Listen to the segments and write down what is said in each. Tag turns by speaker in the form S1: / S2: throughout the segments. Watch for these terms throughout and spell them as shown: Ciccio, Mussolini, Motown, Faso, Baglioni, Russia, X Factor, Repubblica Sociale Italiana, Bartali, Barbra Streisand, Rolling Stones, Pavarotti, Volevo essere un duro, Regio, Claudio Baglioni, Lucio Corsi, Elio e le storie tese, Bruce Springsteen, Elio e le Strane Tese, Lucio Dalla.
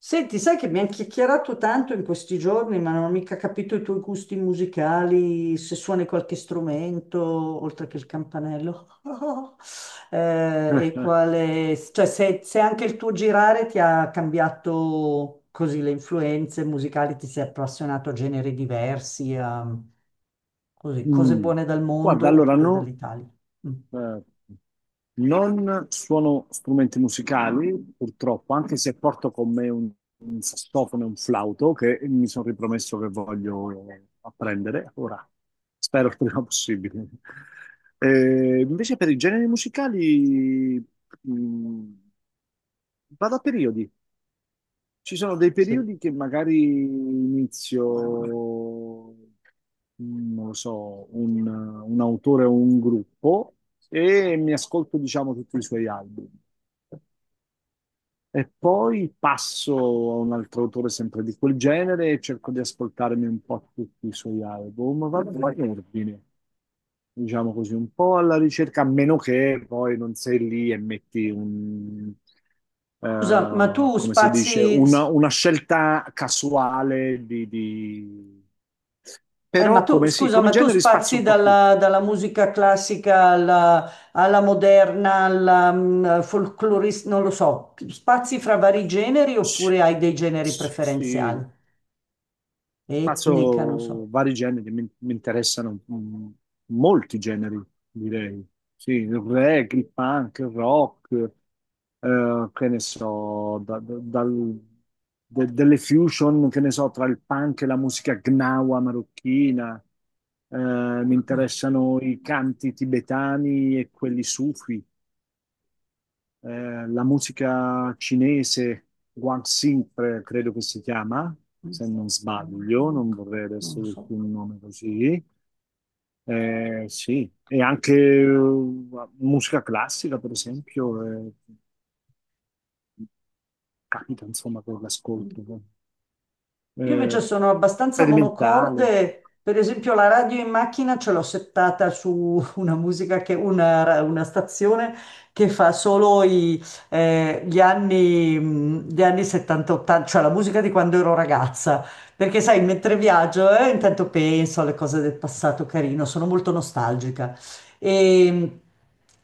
S1: Senti, sai che mi hanno chiacchierato tanto in questi giorni, ma non ho mica capito i tuoi gusti musicali, se suoni qualche strumento, oltre che il campanello. E quale, cioè se anche il tuo girare ti ha cambiato così le influenze musicali, ti sei appassionato a generi diversi, a così, cose
S2: Mm.
S1: buone dal
S2: Guarda,
S1: mondo
S2: allora
S1: oppure dall'Italia. Mm.
S2: eh, non suono strumenti musicali, purtroppo, anche se porto con me un sassofono e un flauto che mi sono ripromesso che voglio apprendere. Ora, spero il prima possibile. Invece per i generi musicali, mm, vado a periodi. Ci sono dei
S1: Sì.
S2: periodi che magari inizio, non lo so, un autore o un gruppo, e mi ascolto, diciamo, tutti i suoi album. E poi passo a un altro autore sempre di quel genere e cerco di ascoltarmi un po' tutti i suoi album. Vado in ordine, diciamo così, un po' alla ricerca, a meno che poi non sei lì e metti
S1: Scusa, ma tu
S2: come si dice,
S1: spazi.
S2: una scelta casuale.
S1: Ma
S2: Però,
S1: tu,
S2: come sì,
S1: scusa,
S2: come
S1: ma tu
S2: genere spazio
S1: spazi
S2: un po'
S1: dalla,
S2: tutto.
S1: dalla musica classica alla moderna, alla folclorista, non lo so, spazi fra vari generi
S2: Sì,
S1: oppure hai dei generi
S2: sì,
S1: preferenziali?
S2: sì.
S1: Etnica, non so.
S2: Passo vari generi, mi interessano, molti generi, direi. Sì, il reggae, il punk, il rock, che ne so, delle fusion, che ne so, tra il punk e la musica gnawa marocchina. Eh, mi
S1: Urca.
S2: interessano i canti tibetani e quelli sufi, la musica cinese, Guangxi, credo che si chiama, se non sbaglio,
S1: Mm.
S2: non vorrei adesso
S1: Non so.
S2: dirti un nome così. Eh sì, e anche, musica classica, per esempio, capita insomma con l'ascolto.
S1: Io
S2: Eh,
S1: invece sono abbastanza
S2: sperimentale.
S1: monocorde, per esempio la radio in macchina ce l'ho settata su una musica che, una stazione che fa solo gli anni 70-80, cioè la musica di quando ero ragazza, perché sai, mentre viaggio, intanto penso alle cose del passato carino, sono molto nostalgica. E,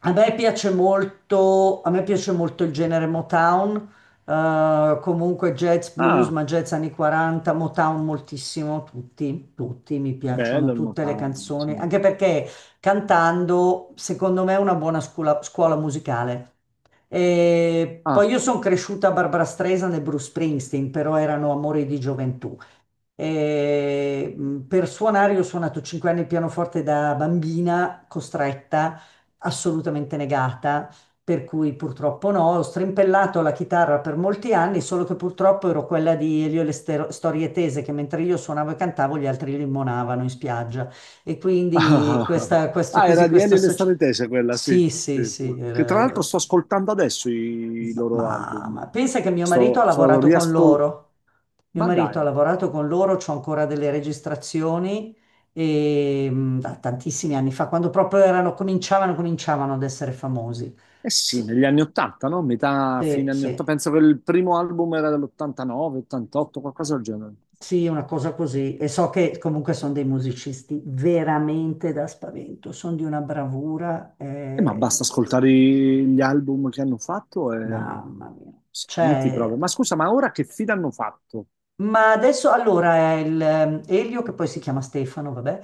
S1: a me piace molto, a me piace molto il genere Motown, comunque jazz, blues,
S2: Ah,
S1: ma jazz anni 40, Motown moltissimo, tutti, tutti, mi piacciono
S2: bello il
S1: tutte le
S2: Motown, sì.
S1: canzoni, anche perché cantando, secondo me, è una buona scuola, scuola musicale. E poi
S2: Ah,
S1: io sono cresciuta a Barbra Streisand e Bruce Springsteen, però erano amori di gioventù. Per suonare, io ho suonato 5 anni il pianoforte da bambina, costretta, assolutamente negata, per cui purtroppo no. Ho strimpellato la chitarra per molti anni, solo che purtroppo ero quella di Elio e le storie tese, che mentre io suonavo e cantavo, gli altri limonavano in spiaggia. E quindi
S2: ah,
S1: questa, questo
S2: ah,
S1: così,
S2: era di
S1: questa
S2: Elio e le
S1: associazione.
S2: Strane Tese quella, sì.
S1: Sì, sì,
S2: Sì, sì.
S1: sì.
S2: Che tra l'altro
S1: eh,
S2: sto ascoltando adesso i loro
S1: ma,
S2: album.
S1: ma pensa che mio marito ha
S2: Sto
S1: lavorato con
S2: riascoltando.
S1: loro. Mio
S2: Ma
S1: marito ha
S2: dai,
S1: lavorato con loro, c'ho ancora delle registrazioni e, da tantissimi anni fa, quando proprio erano, cominciavano ad essere famosi.
S2: eh sì,
S1: S-
S2: negli anni 80, no? Metà,
S1: sì,
S2: fine anni 80.
S1: sì,
S2: Penso che il primo album era dell'89, 88, qualcosa del genere.
S1: sì, una cosa così. E so che comunque sono dei musicisti veramente da spavento, sono di una bravura,
S2: Ma basta ascoltare gli album che hanno fatto e
S1: mamma
S2: eh,
S1: mia.
S2: senti proprio.
S1: Cioè,
S2: Ma scusa, ma ora che fine hanno fatto?
S1: ma adesso allora Elio, che poi si chiama Stefano, vabbè,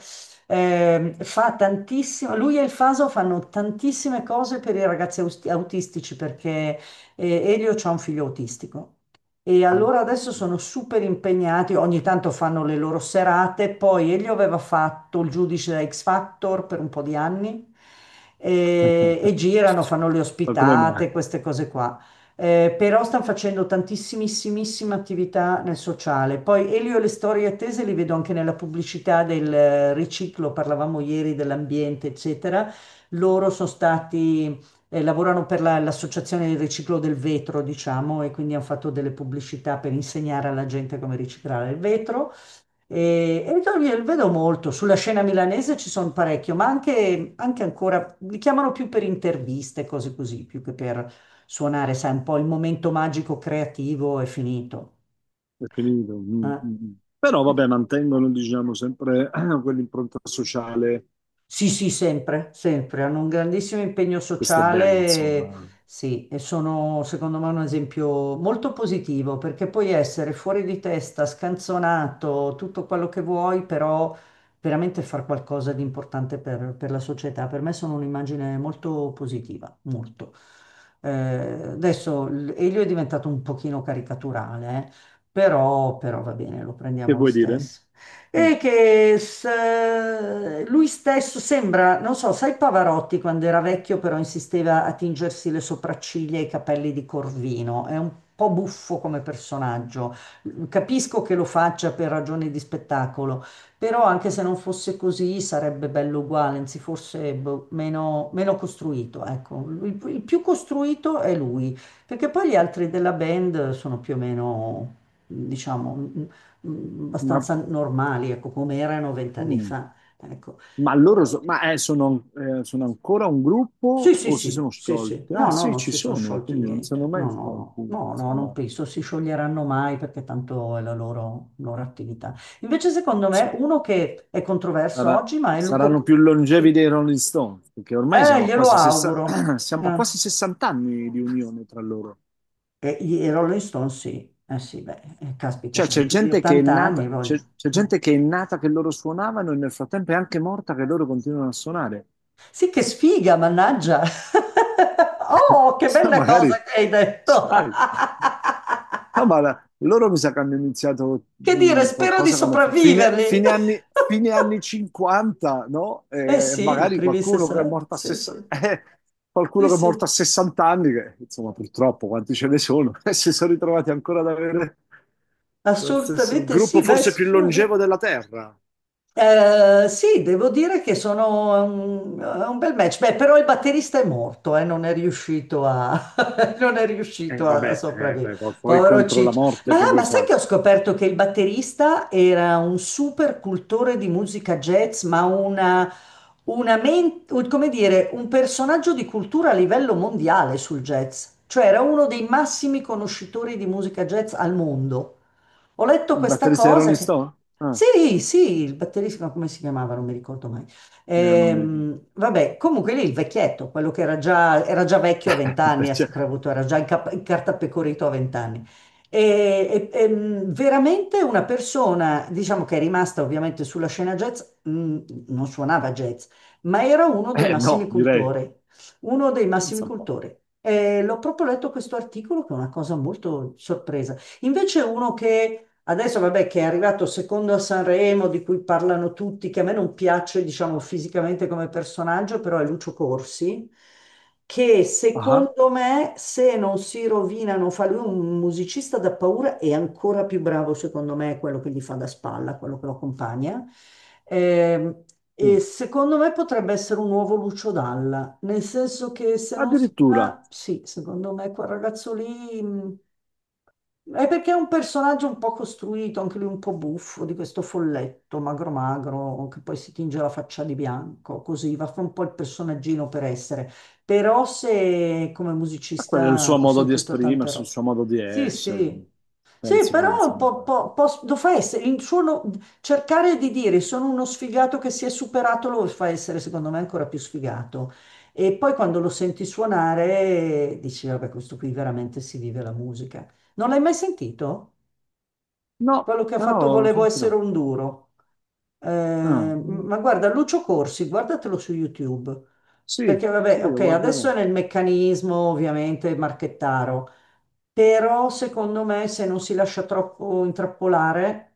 S1: fa tantissimo, lui e il Faso fanno tantissime cose per i ragazzi autistici, perché Elio ha un figlio autistico, e
S2: Ah.
S1: allora adesso sono super impegnati, ogni tanto fanno le loro serate, poi Elio aveva fatto il giudice da X Factor per un po' di anni e girano, fanno le
S2: Ma come mai?
S1: ospitate, queste cose qua. Però stanno facendo tantissimissima attività nel sociale. Poi Elio e le storie attese li vedo anche nella pubblicità del riciclo, parlavamo ieri dell'ambiente, eccetera. Loro sono stati, lavorano per l'associazione del riciclo del vetro, diciamo, e quindi hanno fatto delle pubblicità per insegnare alla gente come riciclare il vetro. E io li vedo molto, sulla scena milanese ci sono parecchio, ma anche ancora, li chiamano più per interviste, cose così, più che per suonare, sai, un po' il momento magico creativo è finito.
S2: Preferito. Mm,
S1: Eh.
S2: mm, mm. Però vabbè, mantengono, diciamo, sempre quell'impronta sociale.
S1: Sì, sì, sempre, sempre. Hanno un grandissimo impegno
S2: Questo è
S1: sociale,
S2: bello, insomma.
S1: sì, e sono secondo me un esempio molto positivo, perché puoi essere fuori di testa, scanzonato, tutto quello che vuoi, però veramente far qualcosa di importante per la società. Per me sono un'immagine molto positiva, molto. Adesso Elio è diventato un pochino caricaturale. Però va bene, lo
S2: Che
S1: prendiamo lo
S2: vuoi dire?
S1: stesso
S2: Mm.
S1: e che lui stesso sembra, non so, sai Pavarotti quando era vecchio però insisteva a tingersi le sopracciglia e i capelli di Corvino, è un po' buffo come personaggio. Capisco che lo faccia per ragioni di spettacolo, però anche se non fosse così sarebbe bello uguale, anzi forse boh, meno, meno costruito, ecco. Il più costruito è lui, perché poi gli altri della band sono più o meno, diciamo,
S2: Ma
S1: abbastanza normali, ecco, come erano vent'anni
S2: mm,
S1: fa. Ecco.
S2: Ma loro
S1: Eh,
S2: sono ancora un
S1: sì,
S2: gruppo
S1: sì,
S2: o si
S1: sì,
S2: sono
S1: sì, sì.
S2: sciolti? Ah
S1: No, no,
S2: sì,
S1: non
S2: ci
S1: si sono
S2: sono,
S1: sciolti
S2: quindi non sono
S1: niente.
S2: mai
S1: No,
S2: sciolti,
S1: no, no, no, no, non
S2: insomma.
S1: penso si scioglieranno mai perché tanto è la loro attività. Invece, secondo me, uno che è controverso
S2: Sarà-
S1: oggi, ma è
S2: saranno
S1: Luco...
S2: più longevi dei Rolling Stones, perché ormai siamo a
S1: Glielo
S2: quasi, sessa-
S1: auguro.
S2: siamo a quasi 60 anni di unione tra loro.
S1: E i Rolling Stones, sì. Eh sì, beh, caspita,
S2: Cioè
S1: c'hanno
S2: c'è
S1: più di
S2: gente che è
S1: 80 anni,
S2: nata, c'è
S1: voglio.
S2: c'è
S1: Eh.
S2: gente che è nata che loro suonavano, e nel frattempo è anche morta che loro continuano a suonare.
S1: Sì, che sfiga, mannaggia. Oh, che bella
S2: Magari,
S1: cosa che hai detto.
S2: sai. No, ma loro mi sa che hanno iniziato,
S1: Che dire, spero di
S2: qualcosa come f- fine,
S1: sopravviverli.
S2: fine anni, fine anni 50, no?
S1: Eh
S2: E
S1: sì, i
S2: magari
S1: primi
S2: qualcuno che è
S1: 60,
S2: morto
S1: sì, sì, sì,
S2: qualcuno che è morto a
S1: sì,
S2: 60 anni, che insomma purtroppo quanti ce ne sono, e si sono ritrovati ancora ad avere il
S1: assolutamente
S2: gruppo
S1: sì. Beh,
S2: forse più longevo della Terra.
S1: eh, sì, devo dire che sono un, è un bel match. Beh, però il batterista è morto, non è riuscito a, non è
S2: E
S1: riuscito a
S2: vabbè,
S1: sopravvivere.
S2: beh, poi
S1: Povero
S2: contro la
S1: Ciccio.
S2: morte che
S1: Ma,
S2: vuoi
S1: ma sai che
S2: fare?
S1: ho scoperto che il batterista era un super cultore di musica jazz, ma come dire, un personaggio di cultura a livello mondiale sul jazz. Cioè era uno dei massimi conoscitori di musica jazz al mondo. Ho letto
S2: Il
S1: questa
S2: batterista di
S1: cosa
S2: Rolling
S1: che...
S2: Stone? Ah,
S1: Sì, sì, il batterista, no, come si chiamava? Non mi ricordo mai.
S2: non mi ricordo.
S1: Vabbè, comunque lì il vecchietto, quello che era già vecchio a vent'anni, ha
S2: Cioè,
S1: sempre avuto, era già incartapecorito a vent'anni. Veramente una persona, diciamo che è rimasta ovviamente sulla scena jazz, non suonava jazz, ma era uno dei massimi
S2: no, direi.
S1: cultori, uno dei massimi
S2: Pensa un po'.
S1: cultori. E l'ho proprio letto questo articolo che è una cosa molto sorpresa. Invece uno che adesso, vabbè, che è arrivato secondo a Sanremo, di cui parlano tutti, che a me non piace, diciamo, fisicamente come personaggio, però è Lucio Corsi, che
S2: Ah.
S1: secondo me, se non si rovina, non fa lui un musicista da paura, è ancora più bravo, secondo me, quello che gli fa da spalla, quello che lo accompagna. Ehm,
S2: Ah.
S1: e secondo me potrebbe essere un nuovo Lucio Dalla, nel senso che se non si
S2: Addirittura, ma
S1: fa, sì, secondo me quel ragazzo lì... è perché è un personaggio un po' costruito, anche lui un po' buffo, di questo folletto magro magro che poi si tinge la faccia di bianco, così va fa un po' il personaggino per essere. Però se come
S2: quello è il
S1: musicista
S2: suo
S1: ho
S2: modo di
S1: sentito tante
S2: esprimersi, il
S1: robe.
S2: suo modo di
S1: Sì,
S2: essere.
S1: sì. Sì,
S2: Penso che,
S1: però un
S2: insomma...
S1: po', lo fa essere, il suo no- cercare di dire sono uno sfigato che si è superato lo fa essere secondo me ancora più sfigato. E poi quando lo senti suonare dici, vabbè, questo qui veramente si vive la musica. Non l'hai mai sentito?
S2: No,
S1: Quello che ha
S2: però
S1: fatto
S2: lo
S1: Volevo
S2: sentirò.
S1: essere un duro.
S2: Ah, mm,
S1: Ma guarda, Lucio Corsi, guardatelo su YouTube.
S2: sì,
S1: Perché
S2: sì,
S1: vabbè, ok,
S2: lo
S1: adesso
S2: guarderò.
S1: è nel meccanismo ovviamente marchettaro, però secondo me se non si lascia troppo intrappolare,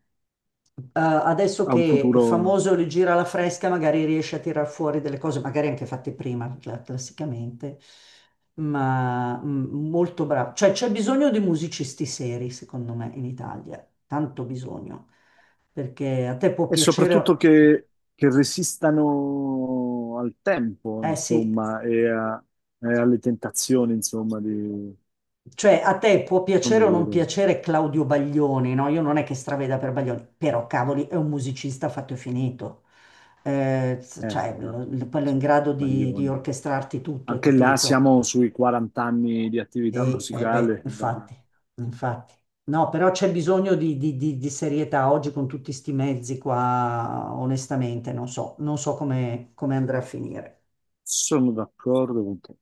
S1: adesso
S2: Ha un
S1: che è
S2: futuro...
S1: famoso il giro alla fresca, magari riesce a tirar fuori delle cose, magari anche fatte prima, classicamente, ma molto bravo. Cioè, c'è bisogno di musicisti seri, secondo me, in Italia, tanto bisogno, perché a te può
S2: E soprattutto
S1: piacere,
S2: che resistano al tempo,
S1: eh sì,
S2: insomma, e alle tentazioni, insomma, di...
S1: cioè, a te può
S2: Come
S1: piacere o non
S2: dire...
S1: piacere Claudio Baglioni, no? Io non è che straveda per Baglioni, però cavoli, è un musicista fatto e finito. Cioè,
S2: Beh, vabbè,
S1: quello è in
S2: cioè,
S1: grado di
S2: Baglioni.
S1: orchestrarti tutto, hai
S2: Anche là
S1: capito?
S2: siamo sui 40 anni di attività
S1: E, beh,
S2: musicale. Baglioni.
S1: infatti, infatti. No, però c'è bisogno di serietà oggi con tutti sti mezzi qua, onestamente, non so, non so come andrà a finire.
S2: Sono d'accordo con te.